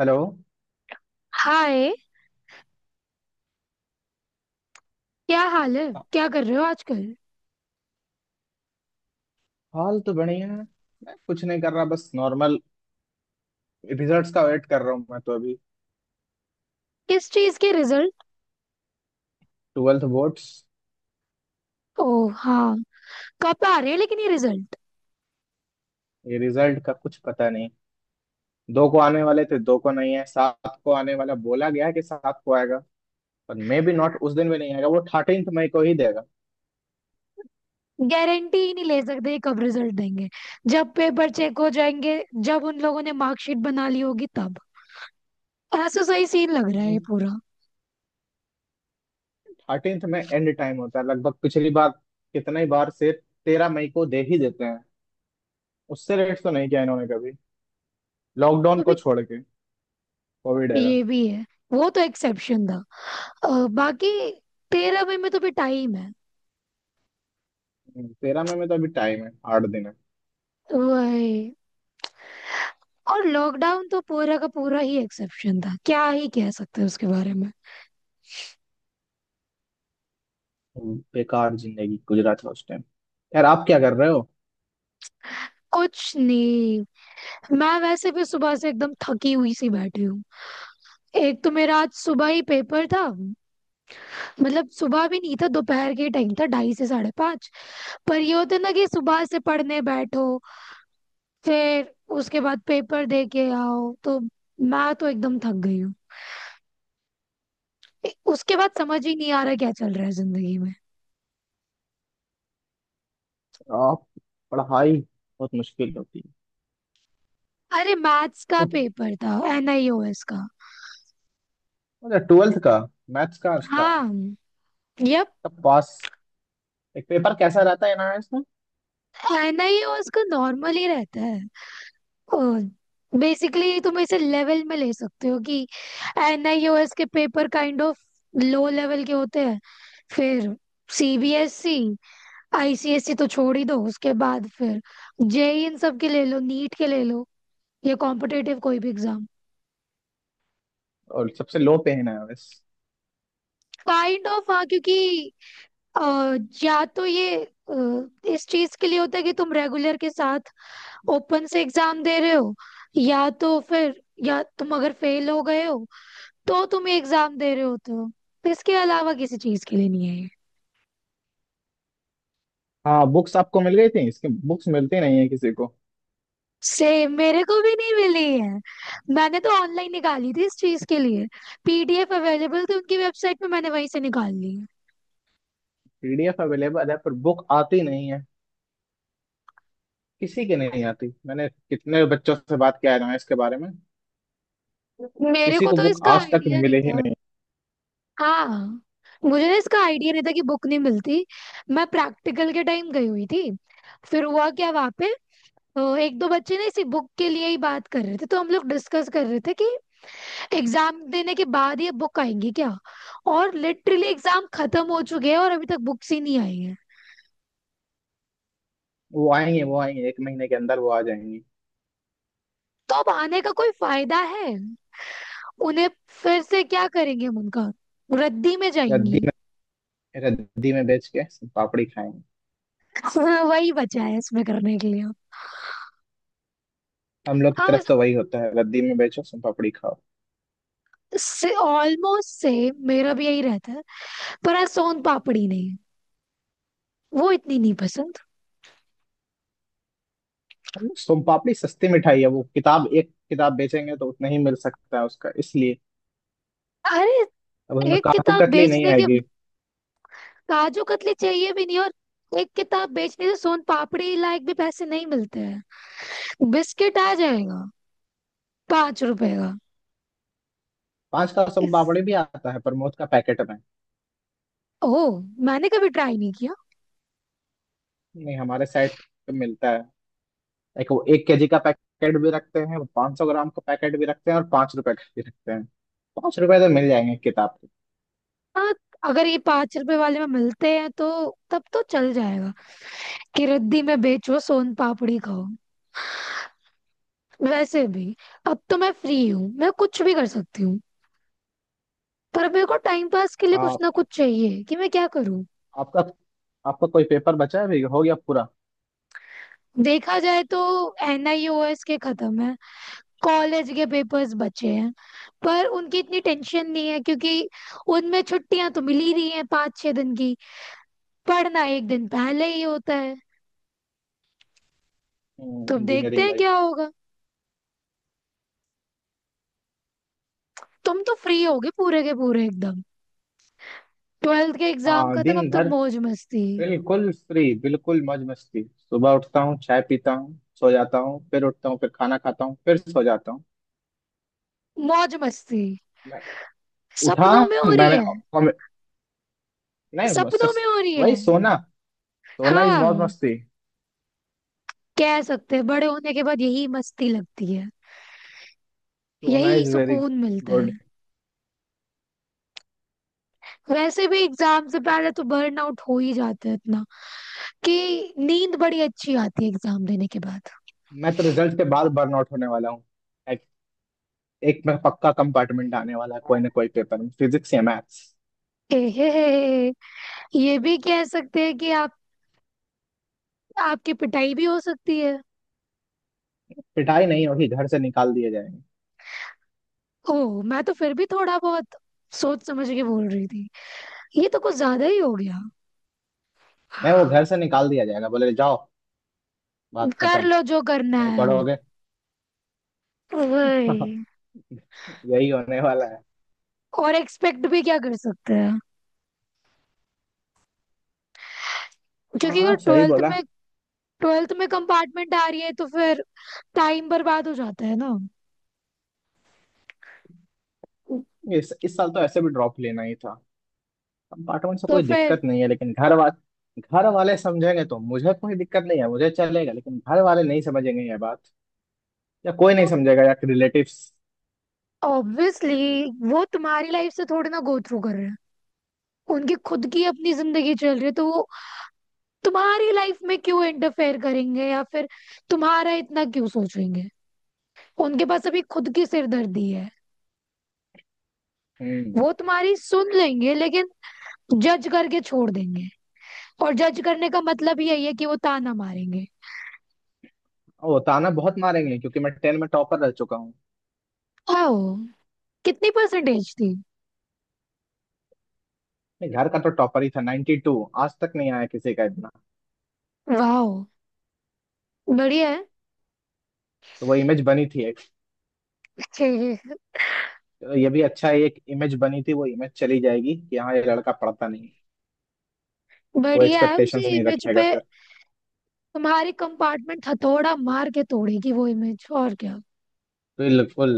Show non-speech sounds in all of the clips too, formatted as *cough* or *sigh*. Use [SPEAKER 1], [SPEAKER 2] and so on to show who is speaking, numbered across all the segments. [SPEAKER 1] Hello.
[SPEAKER 2] Hi. क्या हाल है? क्या कर रहे हो आजकल?
[SPEAKER 1] हाल तो बढ़िया है। मैं कुछ नहीं कर रहा, बस नॉर्मल। रिजल्ट्स का वेट कर रहा हूँ मैं तो अभी।
[SPEAKER 2] किस चीज के रिजल्ट?
[SPEAKER 1] Twelfth boards.
[SPEAKER 2] ओह हाँ। कब आ रहे हैं लेकिन ये रिजल्ट?
[SPEAKER 1] ये रिजल्ट का कुछ पता नहीं। दो को आने वाले थे, दो को नहीं है, सात को आने वाला बोला गया है कि सात को आएगा। पर मे भी नॉट, उस दिन भी नहीं आएगा, वो 13 मई को ही देगा।
[SPEAKER 2] गारंटी ही नहीं ले सकते कब रिजल्ट देंगे। जब पेपर चेक हो जाएंगे, जब उन लोगों ने मार्कशीट बना ली होगी तब। ऐसा सही सीन लग रहा है ये पूरा।
[SPEAKER 1] थर्टींथ में एंड टाइम होता है लगभग। पिछली बार कितना ही बार से 13 मई को दे ही देते हैं। उससे लेट तो नहीं किया इन्होंने कभी, लॉकडाउन
[SPEAKER 2] तो
[SPEAKER 1] को
[SPEAKER 2] भी।
[SPEAKER 1] छोड़ के, कोविड एरा।
[SPEAKER 2] ये भी है। वो तो एक्सेप्शन था। बाकी 13 मई में तो भी टाइम है।
[SPEAKER 1] 13 मई में तो अभी टाइम है, 8 दिन है।
[SPEAKER 2] वही। और लॉकडाउन तो पूरा का पूरा ही एक्सेप्शन था, क्या ही कह सकते हैं उसके बारे में।
[SPEAKER 1] बेकार जिंदगी गुजरा था उस टाइम। यार, आप क्या कर रहे हो?
[SPEAKER 2] कुछ नहीं। मैं वैसे भी सुबह से एकदम थकी हुई सी बैठी हूँ। एक तो मेरा आज सुबह ही पेपर था। मतलब सुबह भी नहीं था, दोपहर के टाइम था, 2:30 से 5:30। पर ये होता है ना कि सुबह से पढ़ने बैठो, फिर उसके बाद पेपर दे के आओ तो मैं तो एकदम थक गई हूँ। उसके बाद समझ ही नहीं आ रहा क्या चल रहा है जिंदगी में।
[SPEAKER 1] आप, पढ़ाई बहुत मुश्किल होती है।
[SPEAKER 2] अरे मैथ्स का
[SPEAKER 1] उफ।
[SPEAKER 2] पेपर था एनआईओएस का।
[SPEAKER 1] अच्छा, ट्वेल्थ का मैथ्स का था
[SPEAKER 2] हाँ। यप।
[SPEAKER 1] तब? पास। एक पेपर कैसा रहता है एनआरएस में?
[SPEAKER 2] एनआईओएस का नॉर्मल ही रहता है। बेसिकली तुम इसे लेवल में ले सकते हो कि एनआईओएस के paper kind of low level के होते हैं। फिर सीबीएसई, आईसीएसई तो छोड़ ही दो, उसके बाद फिर जेई इन सब के ले लो, नीट के ले लो, या कॉम्पिटेटिव कोई भी एग्जाम।
[SPEAKER 1] और सबसे लो पे है एनआरएस।
[SPEAKER 2] काइंड ऑफ हाँ, क्योंकि अ, या तो ये इस चीज के लिए होता है कि तुम रेगुलर के साथ ओपन से एग्जाम दे रहे हो, या तो फिर या तुम अगर फेल हो गए हो तो तुम ये एग्जाम दे रहे होते हो। तो इसके अलावा किसी चीज के लिए नहीं है ये।
[SPEAKER 1] हाँ, बुक्स आपको मिल गई थी? इसके बुक्स मिलती नहीं है किसी को।
[SPEAKER 2] सेम, मेरे को भी नहीं मिली है। मैंने तो ऑनलाइन निकाली थी इस चीज के लिए, पीडीएफ अवेलेबल थी उनकी वेबसाइट पे, मैंने वहीं से निकाल ली है।
[SPEAKER 1] पीडीएफ अवेलेबल है पर बुक आती नहीं है किसी के, नहीं आती। मैंने कितने बच्चों से बात किया एनआरएस के बारे में,
[SPEAKER 2] मेरे
[SPEAKER 1] किसी
[SPEAKER 2] को
[SPEAKER 1] को
[SPEAKER 2] तो
[SPEAKER 1] बुक
[SPEAKER 2] इसका
[SPEAKER 1] आज तक
[SPEAKER 2] आइडिया नहीं
[SPEAKER 1] मिले ही
[SPEAKER 2] था।
[SPEAKER 1] नहीं।
[SPEAKER 2] हाँ, मुझे ना इसका आइडिया नहीं था कि बुक नहीं मिलती। मैं प्रैक्टिकल के टाइम गई हुई थी, फिर हुआ क्या वहां पे, एक दो बच्चे ना इसी बुक के लिए ही बात कर रहे थे, तो हम लोग डिस्कस कर रहे थे कि एग्जाम देने के बाद ये बुक आएंगी क्या। और लिटरली एग्जाम खत्म हो चुके हैं और अभी तक बुक्स ही नहीं आई हैं।
[SPEAKER 1] वो आएंगे एक महीने के अंदर वो आ जाएंगी।
[SPEAKER 2] तो अब आने का कोई फायदा है उन्हें? फिर से क्या करेंगे हम उनका? रद्दी में
[SPEAKER 1] या
[SPEAKER 2] जाएंगी।
[SPEAKER 1] रद्दी में बेच के सोन पापड़ी खाएंगे।
[SPEAKER 2] *laughs* वही बचा है इसमें करने के लिए।
[SPEAKER 1] हम लोग की
[SPEAKER 2] हाँ
[SPEAKER 1] तरफ
[SPEAKER 2] बस,
[SPEAKER 1] तो वही होता है, रद्दी में बेचो सोन पापड़ी खाओ।
[SPEAKER 2] से ऑलमोस्ट से मेरा भी यही रहता है। पर आज सोन पापड़ी नहीं, वो इतनी नहीं पसंद।
[SPEAKER 1] हम लोग सोन पापड़ी सस्ती मिठाई है, वो किताब, एक किताब बेचेंगे तो उतना ही मिल सकता है उसका, इसलिए।
[SPEAKER 2] अरे
[SPEAKER 1] अब उसमें
[SPEAKER 2] एक
[SPEAKER 1] काटू
[SPEAKER 2] किताब
[SPEAKER 1] कतली नहीं
[SPEAKER 2] बेचने के,
[SPEAKER 1] आएगी।
[SPEAKER 2] काजू कतली चाहिए भी नहीं, और एक किताब बेचने से सोन पापड़ी लायक भी पैसे नहीं मिलते हैं। बिस्किट आ जाएगा 5 रुपए का।
[SPEAKER 1] पांच का सोन
[SPEAKER 2] इस
[SPEAKER 1] पापड़ी भी आता है प्रमोद का पैकेट में।
[SPEAKER 2] ओ, मैंने कभी ट्राई नहीं किया।
[SPEAKER 1] नहीं, हमारे साइड पे मिलता है। एक वो, एक केजी का पैकेट भी रखते हैं, वो 500 ग्राम का पैकेट भी रखते हैं, और 5 रुपए का भी रखते हैं। 5 रुपए तो मिल जाएंगे किताब के।
[SPEAKER 2] हाँ अगर ये 5 रुपए वाले में मिलते हैं तो तब तो चल जाएगा कि रद्दी में बेचो सोन पापड़ी खाओ। वैसे भी अब तो मैं फ्री हूँ, मैं कुछ भी कर सकती हूँ। पर मेरे को टाइम पास के लिए कुछ
[SPEAKER 1] आप
[SPEAKER 2] ना कुछ चाहिए कि मैं क्या करूँ।
[SPEAKER 1] आपका आपका कोई पेपर बचा है अभी, हो गया पूरा?
[SPEAKER 2] देखा जाए तो एनआईओएस के खत्म है, कॉलेज के पेपर्स बचे हैं, पर उनकी इतनी टेंशन नहीं है क्योंकि उनमें छुट्टियां तो मिल ही रही हैं 5-6 दिन की। पढ़ना एक दिन पहले ही होता है। तो अब देखते
[SPEAKER 1] इंजीनियरिंग।
[SPEAKER 2] हैं क्या होगा। तुम तो फ्री होगे पूरे के पूरे एकदम। ट्वेल्थ के एग्जाम
[SPEAKER 1] हाँ,
[SPEAKER 2] खत्म, अब
[SPEAKER 1] दिन
[SPEAKER 2] तो
[SPEAKER 1] भर
[SPEAKER 2] मौज मस्ती।
[SPEAKER 1] बिल्कुल फ्री, बिल्कुल मौज मस्ती। सुबह उठता हूँ, चाय पीता हूँ, सो जाता हूँ, फिर उठता हूँ, फिर खाना खाता हूँ, फिर सो जाता हूँ।
[SPEAKER 2] मौज मस्ती
[SPEAKER 1] मैं उठा,
[SPEAKER 2] सपनों में हो रही
[SPEAKER 1] मैंने
[SPEAKER 2] है।
[SPEAKER 1] कॉमे- नहीं
[SPEAKER 2] सपनों
[SPEAKER 1] सस,
[SPEAKER 2] में हो रही है।
[SPEAKER 1] वही सोना। सोना इज मौज
[SPEAKER 2] हाँ,
[SPEAKER 1] मस्ती।
[SPEAKER 2] कह सकते हैं बड़े होने के बाद यही मस्ती लगती है,
[SPEAKER 1] सोना
[SPEAKER 2] यही
[SPEAKER 1] इज वेरी
[SPEAKER 2] सुकून मिलता है।
[SPEAKER 1] गुड।
[SPEAKER 2] वैसे भी एग्जाम से पहले तो आउट हो ही जाता है इतना कि नींद बड़ी अच्छी आती है एग्जाम देने के बाद।
[SPEAKER 1] मैं तो रिजल्ट के बाद बर्नआउट होने वाला हूँ। एक, एक मैं पक्का कंपार्टमेंट आने वाला है, कोई ना कोई पेपर में, फिजिक्स या मैथ्स।
[SPEAKER 2] एहे, ये भी कह सकते हैं कि आप, आपकी पिटाई भी हो सकती है।
[SPEAKER 1] पिटाई नहीं होगी, घर से निकाल दिए जाएंगे।
[SPEAKER 2] ओह मैं तो फिर भी थोड़ा बहुत सोच समझ के बोल रही थी, ये तो कुछ ज्यादा ही हो गया।
[SPEAKER 1] नहीं, वो घर से निकाल दिया जाएगा, बोले जाओ, बात
[SPEAKER 2] कर
[SPEAKER 1] खत्म,
[SPEAKER 2] लो जो करना
[SPEAKER 1] नहीं
[SPEAKER 2] है अब।
[SPEAKER 1] पढ़ोगे। *laughs* *laughs*
[SPEAKER 2] वही।
[SPEAKER 1] यही होने वाला है।
[SPEAKER 2] और एक्सपेक्ट भी क्या कर सकते हैं? क्योंकि अगर
[SPEAKER 1] हाँ, सही बोला।
[SPEAKER 2] ट्वेल्थ में कंपार्टमेंट आ रही है तो फिर टाइम बर्बाद हो जाता है ना?
[SPEAKER 1] इस साल तो ऐसे भी ड्रॉप लेना ही था। अब पार्ट वन से
[SPEAKER 2] तो
[SPEAKER 1] कोई
[SPEAKER 2] फिर
[SPEAKER 1] दिक्कत नहीं है, लेकिन घर वाले समझेंगे तो मुझे कोई दिक्कत नहीं है, मुझे चलेगा, लेकिन घर वाले नहीं समझेंगे ये बात, या कोई
[SPEAKER 2] तो
[SPEAKER 1] नहीं समझेगा, या रिलेटिव्स।
[SPEAKER 2] ऑब्वियसली वो तुम्हारी लाइफ से थोड़ी ना गो थ्रू कर रहे हैं। उनकी खुद की अपनी जिंदगी चल रही है, तो वो तुम्हारी लाइफ में क्यों इंटरफेयर करेंगे, या फिर तुम्हारा इतना क्यों सोचेंगे? उनके पास अभी खुद की सिरदर्दी है।
[SPEAKER 1] हम्म।
[SPEAKER 2] वो तुम्हारी सुन लेंगे लेकिन जज करके छोड़ देंगे। और जज करने का मतलब यही है कि वो ताना मारेंगे।
[SPEAKER 1] वो ताना बहुत मारेंगे क्योंकि मैं टेन में टॉपर रह चुका हूँ।
[SPEAKER 2] आओ, कितनी परसेंटेज थी?
[SPEAKER 1] नहीं, घर का तो टॉपर ही था, 92। आज तक नहीं आया किसी का इतना।
[SPEAKER 2] वाह, बढ़िया है।
[SPEAKER 1] तो वो इमेज बनी थी एक।
[SPEAKER 2] *laughs*
[SPEAKER 1] तो ये भी अच्छा है, एक इमेज बनी थी, वो इमेज चली जाएगी कि हाँ, ये लड़का पढ़ता नहीं। कोई
[SPEAKER 2] बढ़िया है उसी
[SPEAKER 1] एक्सपेक्टेशंस नहीं
[SPEAKER 2] इमेज
[SPEAKER 1] रखेगा
[SPEAKER 2] पे।
[SPEAKER 1] फिर।
[SPEAKER 2] तुम्हारी कंपार्टमेंट हथौड़ा मार के तोड़ेगी वो इमेज, और क्या।
[SPEAKER 1] तो ये बिल्कुल।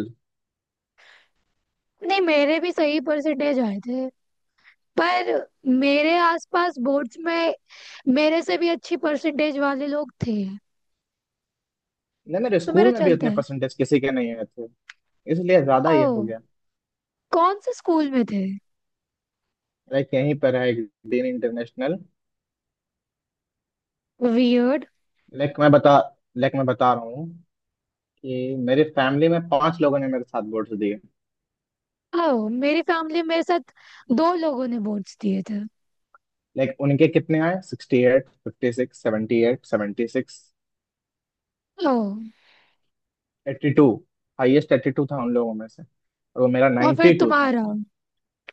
[SPEAKER 2] नहीं, मेरे भी सही परसेंटेज आए थे, पर मेरे आसपास बोर्ड्स में मेरे से भी अच्छी परसेंटेज वाले लोग थे।
[SPEAKER 1] नहीं, मेरे
[SPEAKER 2] तो मेरा
[SPEAKER 1] स्कूल में भी
[SPEAKER 2] चलता
[SPEAKER 1] उतने
[SPEAKER 2] है।
[SPEAKER 1] परसेंटेज किसी के नहीं आए थे, इसलिए ज्यादा ये हो
[SPEAKER 2] ओह,
[SPEAKER 1] गया।
[SPEAKER 2] कौन से स्कूल में थे?
[SPEAKER 1] लाइक यहीं पर है एक, दिन इंटरनेशनल।
[SPEAKER 2] वियर्ड।
[SPEAKER 1] लाइक मैं बता लाइक मैं बता रहा हूँ कि मेरी फैमिली में 5 लोगों ने मेरे साथ वोट्स दिए।
[SPEAKER 2] ओह, मेरी फैमिली, मेरे साथ दो लोगों ने बोर्ड्स दिए थे।
[SPEAKER 1] लाइक उनके कितने आए? 68, 56, 78, 76,
[SPEAKER 2] ओह,
[SPEAKER 1] 82। हाइएस्ट 82 था उन लोगों में से, और वो मेरा
[SPEAKER 2] और फिर
[SPEAKER 1] 92 था।
[SPEAKER 2] तुम्हारा,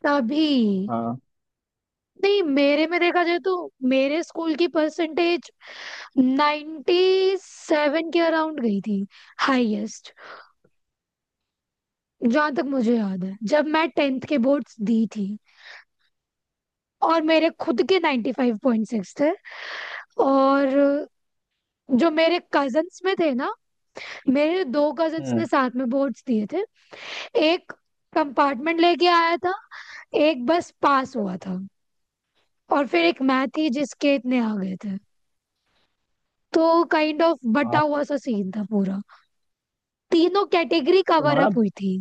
[SPEAKER 2] तभी।
[SPEAKER 1] हाँ।
[SPEAKER 2] नहीं, मेरे में देखा जाए तो मेरे स्कूल की परसेंटेज 97 के अराउंड गई थी, हाईएस्ट, जहां तक मुझे याद है, जब मैं टेंथ के बोर्ड्स दी थी। और मेरे खुद के 95.6 थे। और जो मेरे कजन्स में थे ना, मेरे दो कजन्स
[SPEAKER 1] हम्म।
[SPEAKER 2] ने साथ में बोर्ड्स दिए थे। एक कंपार्टमेंट लेके आया था, एक बस पास हुआ था, और फिर एक मैं थी जिसके इतने आ गए थे। तो काइंड ऑफ बटा
[SPEAKER 1] आप,
[SPEAKER 2] हुआ सा सीन था पूरा, तीनों कैटेगरी कवर
[SPEAKER 1] तुम्हारा
[SPEAKER 2] अप हुई थी।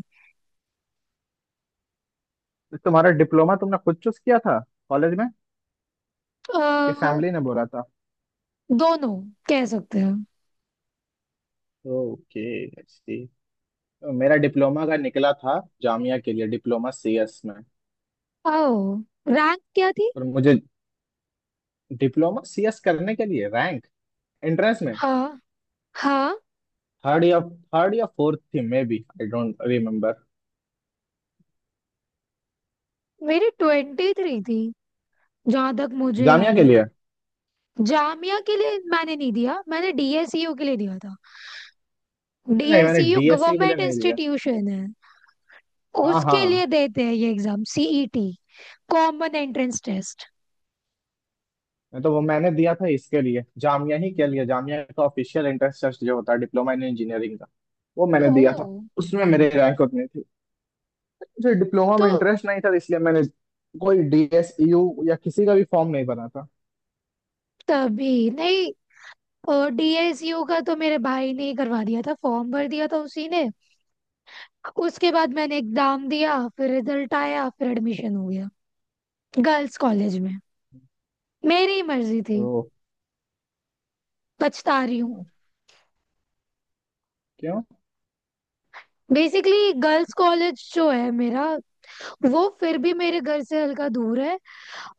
[SPEAKER 1] तुम्हारा डिप्लोमा तुमने खुद चूज किया था कॉलेज में, कि
[SPEAKER 2] अ,
[SPEAKER 1] फैमिली ने बोला था?
[SPEAKER 2] दोनों कह सकते हैं।
[SPEAKER 1] ओके। मेरा डिप्लोमा का निकला था जामिया के लिए, डिप्लोमा सीएस में।
[SPEAKER 2] ओ, रैंक क्या थी?
[SPEAKER 1] और मुझे डिप्लोमा सीएस करने के लिए रैंक एंट्रेंस में
[SPEAKER 2] हाँ हाँ,
[SPEAKER 1] थर्ड या फोर्थ थी, may be I don't remember.
[SPEAKER 2] मेरी 23 थी जहां तक मुझे
[SPEAKER 1] जामिया
[SPEAKER 2] याद
[SPEAKER 1] के
[SPEAKER 2] है।
[SPEAKER 1] लिए।
[SPEAKER 2] जामिया के लिए मैंने नहीं दिया, मैंने डीएसयू के लिए दिया था।
[SPEAKER 1] नहीं, मैंने
[SPEAKER 2] डीएसयू
[SPEAKER 1] डीएससी के लिए
[SPEAKER 2] गवर्नमेंट
[SPEAKER 1] नहीं दिया।
[SPEAKER 2] इंस्टीट्यूशन है।
[SPEAKER 1] हाँ,
[SPEAKER 2] उसके लिए
[SPEAKER 1] हाँ।
[SPEAKER 2] देते हैं ये exam, CET, common entrance test.
[SPEAKER 1] मैं तो वो, मैंने दिया था इसके लिए, जामिया ही के लिए, जामिया का ऑफिशियल एंट्रेंस टेस्ट जो होता है डिप्लोमा इन इंजीनियरिंग का, वो मैंने दिया था।
[SPEAKER 2] ओ।
[SPEAKER 1] उसमें मेरे रैंक उतनी थी। मुझे डिप्लोमा
[SPEAKER 2] तो
[SPEAKER 1] में इंटरेस्ट नहीं था, इसलिए मैंने कोई डीएसयू या किसी का भी फॉर्म नहीं भरा था।
[SPEAKER 2] तभी नहीं, डीएसयू का तो मेरे भाई ने ही करवा दिया था, फॉर्म भर दिया था उसी ने। उसके बाद मैंने एग्जाम दिया, फिर रिजल्ट आया, फिर एडमिशन हो गया गर्ल्स कॉलेज में। मेरी मर्जी थी।
[SPEAKER 1] तो
[SPEAKER 2] पछता रही हूँ।
[SPEAKER 1] क्यों?
[SPEAKER 2] बेसिकली गर्ल्स कॉलेज जो है मेरा, वो फिर भी मेरे घर से हल्का दूर है।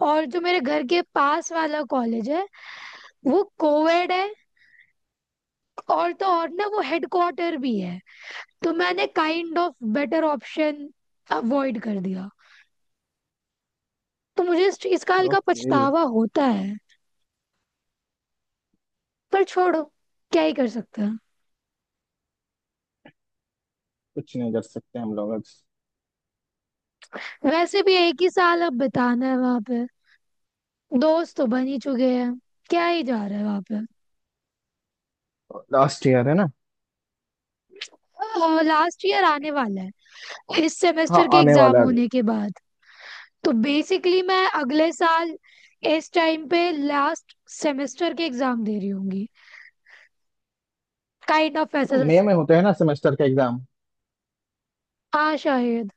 [SPEAKER 2] और जो मेरे घर के पास वाला कॉलेज है वो कोएड है, और तो और ना वो हेडक्वार्टर भी है। तो मैंने kind of better option avoid कर दिया, तो मुझे इस चीज का हल्का
[SPEAKER 1] ओके।
[SPEAKER 2] पछतावा होता है। पर छोड़ो, क्या ही कर सकते हैं।
[SPEAKER 1] कुछ नहीं कर सकते हम लोग अब।
[SPEAKER 2] वैसे भी एक ही साल अब बिताना है वहां पे, दोस्त तो बन ही चुके हैं, क्या ही जा रहा है वहां
[SPEAKER 1] लास्ट ईयर है ना।
[SPEAKER 2] पे। लास्ट ईयर आने वाला है इस सेमेस्टर
[SPEAKER 1] हाँ,
[SPEAKER 2] के
[SPEAKER 1] आने
[SPEAKER 2] एग्जाम
[SPEAKER 1] वाला है अभी
[SPEAKER 2] होने के बाद। तो बेसिकली मैं अगले साल इस टाइम पे लास्ट सेमेस्टर के एग्जाम दे रही होंगी। काइंड ऑफ
[SPEAKER 1] तो।
[SPEAKER 2] ऐसा सा
[SPEAKER 1] मई
[SPEAKER 2] scene।
[SPEAKER 1] में होते हैं ना सेमेस्टर का एग्जाम?
[SPEAKER 2] हाँ शायद।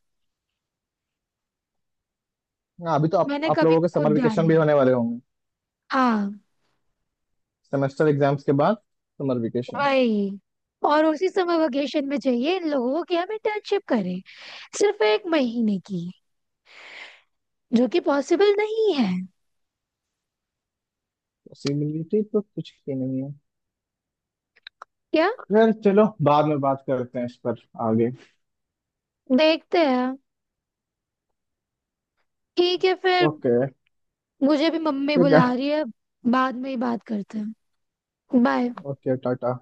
[SPEAKER 1] हाँ, अभी तो आप
[SPEAKER 2] मैंने
[SPEAKER 1] आप
[SPEAKER 2] कभी
[SPEAKER 1] लोगों के समर
[SPEAKER 2] खुद ध्यान
[SPEAKER 1] वेकेशन
[SPEAKER 2] नहीं
[SPEAKER 1] भी
[SPEAKER 2] दिया।
[SPEAKER 1] होने वाले होंगे,
[SPEAKER 2] हाँ।
[SPEAKER 1] सेमेस्टर एग्जाम्स के बाद, समर वेकेशन।
[SPEAKER 2] वही, और उसी समय वेकेशन में चाहिए इन लोगों की हम इंटर्नशिप करें, सिर्फ एक महीने की, जो कि पॉसिबल नहीं है।
[SPEAKER 1] पॉसिबिलिटी तो कुछ की नहीं है।
[SPEAKER 2] क्या?
[SPEAKER 1] खैर चलो, बाद में बात करते हैं इस पर, आगे।
[SPEAKER 2] देखते हैं। ठीक है फिर।
[SPEAKER 1] ओके।
[SPEAKER 2] मुझे भी मम्मी
[SPEAKER 1] ठीक
[SPEAKER 2] बुला
[SPEAKER 1] है।
[SPEAKER 2] रही है, बाद में ही बात करते हैं। बाय।
[SPEAKER 1] ओके, टाटा।